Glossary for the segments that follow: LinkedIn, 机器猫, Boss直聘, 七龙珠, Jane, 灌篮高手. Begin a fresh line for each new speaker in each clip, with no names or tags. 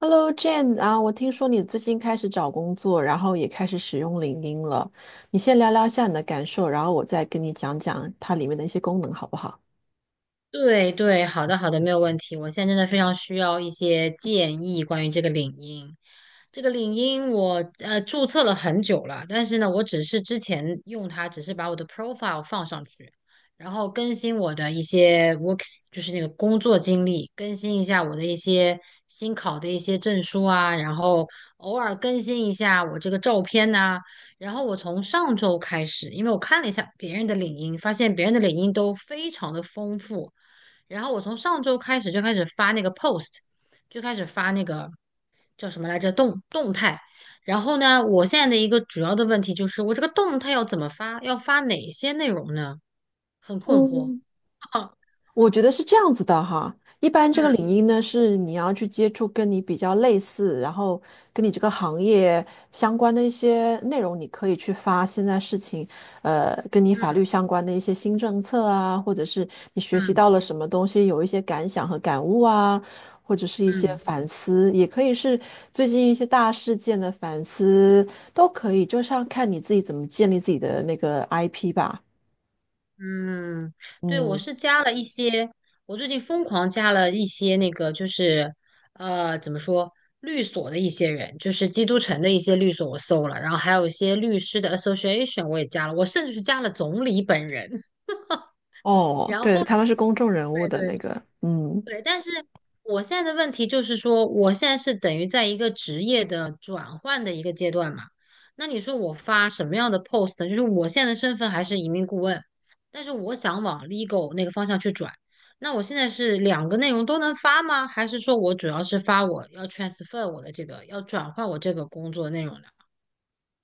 Hello Jane 啊，我听说你最近开始找工作，然后也开始使用领英了。你先聊聊一下你的感受，然后我再跟你讲讲它里面的一些功能，好不好？
对，好的好的，没有问题。我现在真的非常需要一些建议关于这个领英。这个领英我注册了很久了，但是呢，我只是之前用它，只是把我的 profile 放上去，然后更新我的一些 就是那个工作经历，更新一下我的一些新考的一些证书啊，然后偶尔更新一下我这个照片呐、然后我从上周开始，因为我看了一下别人的领英，发现别人的领英都非常的丰富。然后我从上周开始就开始发那个 post，就开始发那个叫什么来着动态。然后呢，我现在的一个主要的问题就是，我这个动态要怎么发？要发哪些内容呢？很困惑。
我觉得是这样子的哈，一般这个领
嗯
域呢，是你要去接触跟你比较类似，然后跟你这个行业相关的一些内容，你可以去发现在事情，跟你法律
嗯
相关的一些新政策啊，或者是你学习
嗯
到
嗯
了什么东西，有一些感想和感悟啊，或者是一些
嗯。
反思，也可以是最近一些大事件的反思，都可以，就是要看你自己怎么建立自己的那个 IP 吧。
嗯，对，我
嗯。
是加了一些，我最近疯狂加了一些那个，就是怎么说，律所的一些人，就是基督城的一些律所，我搜了，然后还有一些律师的 association 我也加了，我甚至是加了总理本人。
哦，
然后，
对，他们是公众人物
对
的
对
那个。嗯，
对，但是我现在的问题就是说，我现在是等于在一个职业的转换的一个阶段嘛。那你说我发什么样的 post 呢，就是我现在的身份还是移民顾问，但是我想往 legal 那个方向去转。那我现在是两个内容都能发吗？还是说我主要是发我要 transfer 我的这个，要转换我这个工作的内容的？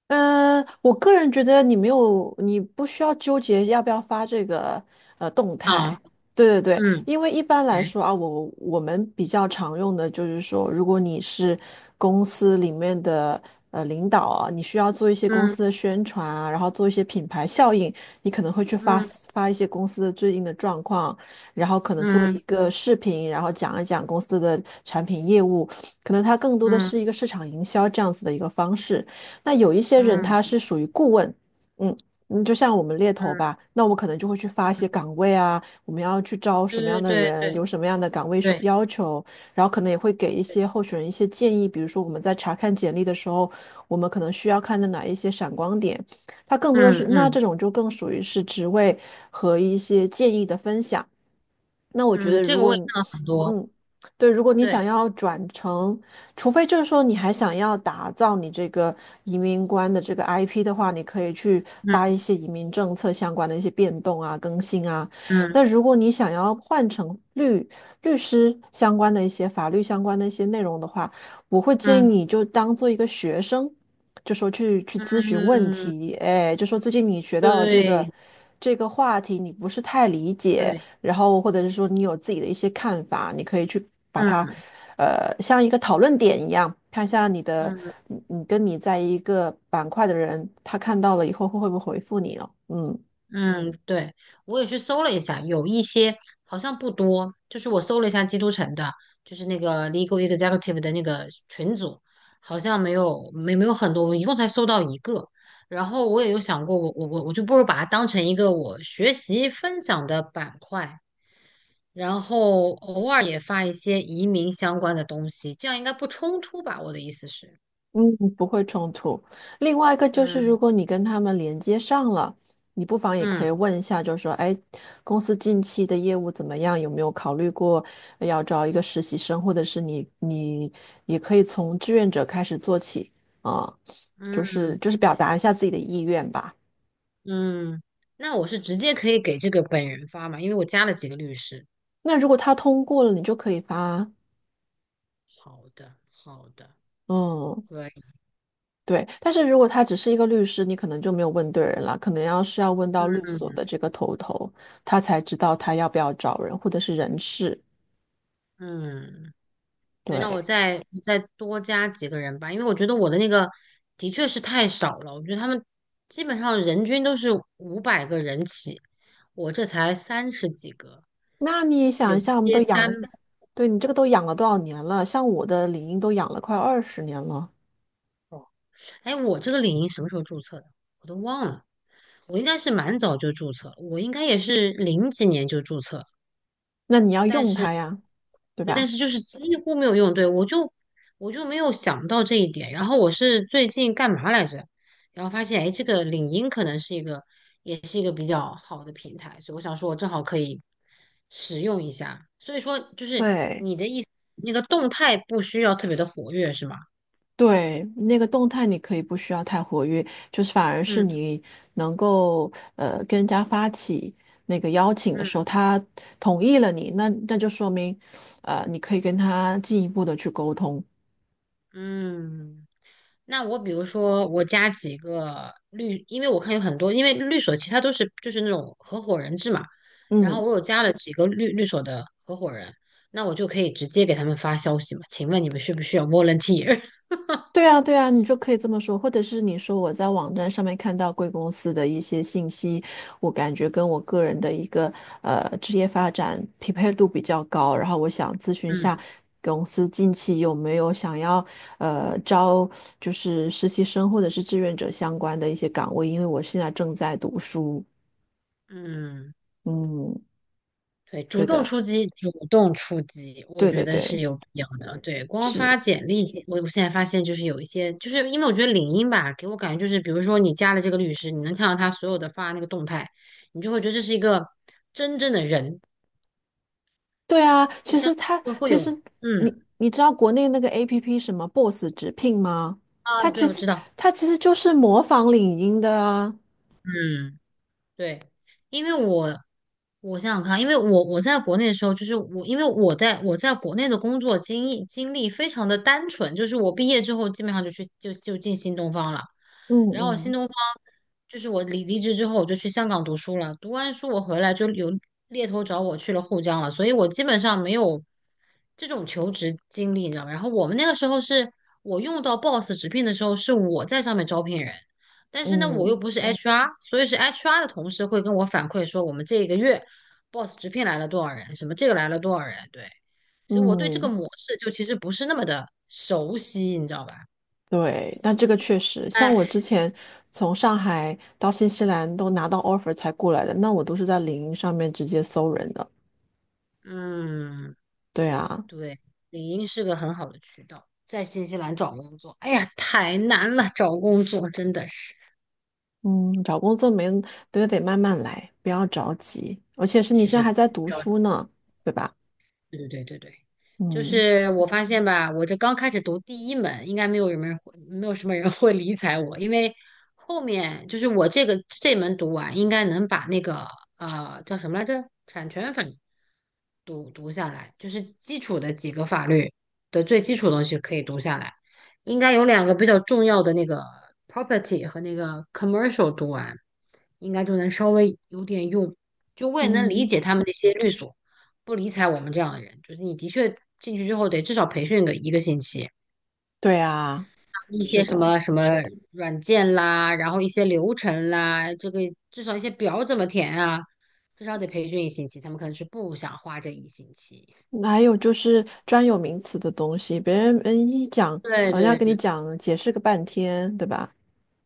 嗯，我个人觉得你没有，你不需要纠结要不要发这个动
啊，
态。对对对，
嗯，
因为一般
o
来
哎，
说啊，我们比较常用的就是说，如果你是公司里面的领导啊，你需要做一些公
嗯
司的宣传啊，然后做一些品牌效应，你可能会去发
嗯
发一些公司的最近的状况，然后可能做一
嗯
个视频，然后讲一讲公司的产品业务，可能它更多的是
嗯
一个市场营销这样子的一个方式。那有一些人
嗯
他是属于顾问，嗯，嗯，就像我们猎头
嗯，
吧，那我们可能就会去发一些岗位啊，我们要去招什么样
对
的
对对
人，
对
有什么样的岗位需
对，
要求，然后可能也会给一些候选人一些建议，比如说我们在查看简历的时候，我们可能需要看的哪一些闪光点，它更多的是，
嗯
那
嗯
这种就更属于是职位和一些建议的分享。那我觉
嗯，
得，
这
如
个我
果
也
你，
看了很多。
嗯，对，如果你
对，
想要转成，除非就是说你还想要打造你这个移民官的这个 IP 的话，你可以去发
嗯
一些移民政策相关的一些变动啊、更新啊。
嗯
那如果你想要换成律师相关的一些法律相关的一些内容的话，我会建议
嗯
你就当做一个学生，就说去咨询问
嗯，
题，哎，就说最近你学到了这个
对
这个话题，你不是太理解。
对，
然后或者是说你有自己的一些看法，你可以去把它，
嗯
呃，像一个讨论点一样，看一下你的，
嗯
你跟你在一个板块的人，他看到了以后会不会回复你了？嗯。
嗯，对，我也去搜了一下，有一些好像不多，就是我搜了一下基督城的，就是那个 Legal Executive 的那个群组，好像没有很多，我一共才搜到一个。然后我也有想过，我就不如把它当成一个我学习分享的板块，然后偶尔也发一些移民相关的东西，这样应该不冲突吧？我的意思是，
嗯，不会冲突。另外一个就是，如
嗯。
果你跟他们连接上了，你不妨也可以
嗯
问一下，就是说，哎，公司近期的业务怎么样？有没有考虑过要招一个实习生，或者是你也可以从志愿者开始做起啊，就是
嗯
就是表达一下自己的意愿吧。
嗯，那我是直接可以给这个本人发嘛，因为我加了几个律师。
那如果他通过了，你就可以发。
好的，好的，
嗯。
可以。
对，但是如果他只是一个律师，你可能就没有问对人了，可能要是要问到律
嗯
所的这个头头，他才知道他要不要找人，或者是人事。
嗯，对，那我
对，
再多加几个人吧，因为我觉得我的那个的确是太少了，我觉得他们基本上人均都是五百个人起，我这才三十几个，
那你想
有
一
一
下，我们都
些单，
养，对你这个都养了多少年了？像我的领英都养了快20年了，
哎，我这个领英什么时候注册的？我都忘了。我应该是蛮早就注册了，我应该也是零几年就注册，
那你要
但。
用它呀，对
对，但
吧？
是就是几乎没有用。对，我就没有想到这一点。然后我是最近干嘛来着？然后发现，哎，这个领英可能是一个，也是一个比较好的平台，所以我想说，我正好可以使用一下。所以说，就是
对，
那个动态不需要特别的活跃，是吗？
对，那个动态你可以不需要太活跃，就是反而是
嗯
你能够跟人家发起那个邀请的时候，
嗯。
他同意了你，那就说明你可以跟他进一步的去沟通。
嗯，那我比如说我加几个律，因为我看有很多，因为律所其他都是就是那种合伙人制嘛，然后
嗯。
我有加了几个律所的合伙人，那我就可以直接给他们发消息嘛，请问你们需不需要 volunteer?
对啊，对啊，你就可以这么说，或者是你说我在网站上面看到贵公司的一些信息，我感觉跟我个人的一个职业发展匹配度比较高，然后我想咨询 一下
嗯
公司近期有没有想要招就是实习生或者是志愿者相关的一些岗位，因为我现在正在读书。
嗯。
嗯，
对，主
对
动
的，
出击，主动出击，我
对
觉
对
得是
对，
有必要的。对，光发
是。
简历，我现在发现就是有一些，就是因为我觉得领英吧，给我感觉就是，比如说你加了这个律师，你能看到他所有的发那个动态，你就会觉得这是一个真正的人，
对啊，其
像
实它
就会
其
有，
实
嗯
你你知道国内那个 APP 什么 Boss 直聘吗？它其
对，我
实
知道，
它其实就是模仿领英的啊。
嗯。对，因为我想想看啊，因为我我在国内的时候，就是我因为我在我在国内的工作经历非常的单纯，就是我毕业之后基本上就去就就进新东方了，
嗯
然后新
嗯
东方就是我离职之后我就去香港读书了，读完书我回来就有猎头找我去了沪江了，所以我基本上没有这种求职经历，你知道吗？然后我们那个时候是我用到 Boss 直聘的时候，是我在上面招聘人。但是呢，我又
嗯
不是 HR,所以是 HR 的同事会跟我反馈说，我们这个月 boss 直聘来了多少人，什么这个来了多少人，对，所以我对这个
嗯，
模式就其实不是那么的熟悉，你知道吧？
对，那这个确实，像我
哎，
之前从上海到新西兰都拿到 offer 才过来的，那我都是在领英上面直接搜人的。
嗯，
对啊，
对，领英是个很好的渠道，在新西兰找工作，哎呀，太难了，找工作真的是，
嗯，找工作没都得慢慢来，不要着急，而且是你
只
现在还
是。
在读书呢，对吧？
对对对对对，就
嗯，
是我发现吧，我这刚开始读第一门，应该没有什么人会，没有什么人会理睬我，因为后面就是我这个这门读完，应该能把那个叫什么来着，产权法读下来，就是基础的几个法律的最基础的东西可以读下来，应该有两个比较重要的那个 property 和那个 commercial 读完，应该就能稍微有点用，就我也能理
嗯，
解他们那些律所。不理睬我们这样的人，就是你的确进去之后得至少培训个一个星期，
对啊。
一些
是
什
的，
么什么软件啦，然后一些流程啦，这个至少一些表怎么填啊，至少得培训一星期。他们可能是不想花这一星期。
还有就是专有名词的东西，别人嗯一讲，
对
好像跟你
对
讲解释个半天，对吧？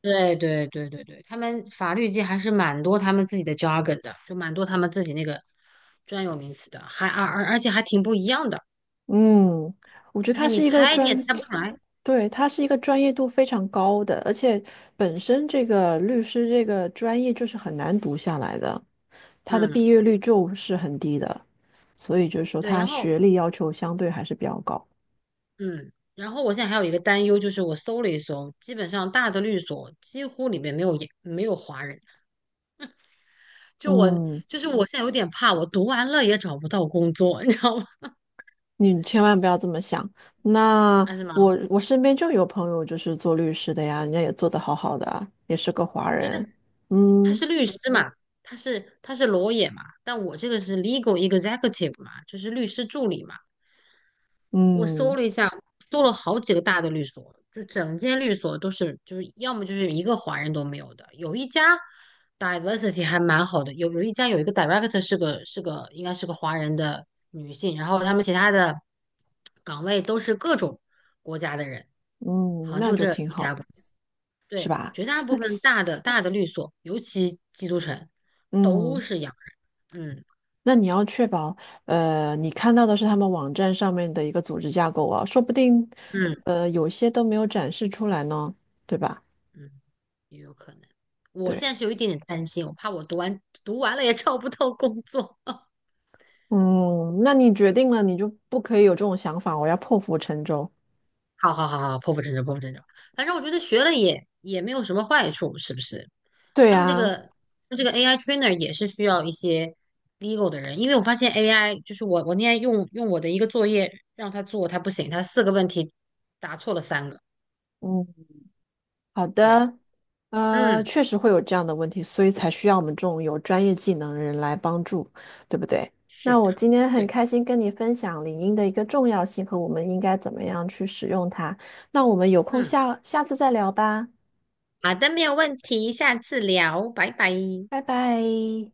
对，他们法律界还是蛮多他们自己的 jargon 的，就蛮多他们自己那个专有名词的，还而且还挺不一样的，
嗯，我觉得
就
他
是你
是一个
猜你也
专，
猜不出来。
对，他是一个专业度非常高的，而且本身这个律师这个专业就是很难读下来的，他的
嗯，
毕业率就是很低的，所以就是说
对，
他
然后。
学历要求相对还是比较高。
嗯，然后我现在还有一个担忧，就是我搜了一搜，基本上大的律所几乎里面没有也没有华人，就我
嗯。
就是我现在有点怕，我读完了也找不到工作，你知道吗？
你千万不要这么想。那
啊，是吗？
我我身边就有朋友就是做律师的呀，人家也做得好好的啊也是个华
对对，
人。
他是
嗯
律师嘛，他是 l a 嘛，但我这个是 legal executive 嘛，就是律师助理嘛。我搜
嗯
了一下，搜了好几个大的律所，就整间律所都是，就是要么就是一个华人都没有的。有一家 diversity 还蛮好的，有一家有一个 director 是个是个应该是个华人的女性，然后他们其他的岗位都是各种国家的人，
嗯，
好像
那
就
就
这
挺
一
好
家
的，
公司。
是
对，
吧？
绝大部
那
分大的律所，尤其基督城，都
嗯，
是洋人。嗯
那你要确保，呃，你看到的是他们网站上面的一个组织架构啊，说不定，
嗯。
呃，有些都没有展示出来呢，对吧？
嗯，也有可能。我现
对，
在是有一点点担心，我怕我读完了也找不到工作。
嗯，那你决定了，你就不可以有这种想法，我要破釜沉舟。
好好好好，破釜沉舟，破釜沉舟。反正我觉得学了也没有什么坏处，是不是？
对
他们这
啊。
个这个 AI trainer 也是需要一些 legal 的人，因为我发现 AI 就是我我那天用我的一个作业让他做，他不行，他四个问题答错了三个。
嗯好
对，
的，
嗯，
确实会有这样的问题，所以才需要我们这种有专业技能的人来帮助，对不对？
是
那我
的，
今天很
对，
开心跟你分享领英的一个重要性和我们应该怎么样去使用它。那我们有空
嗯，
下下次再聊吧，
好的，没有问题，下次聊，拜拜。
拜拜。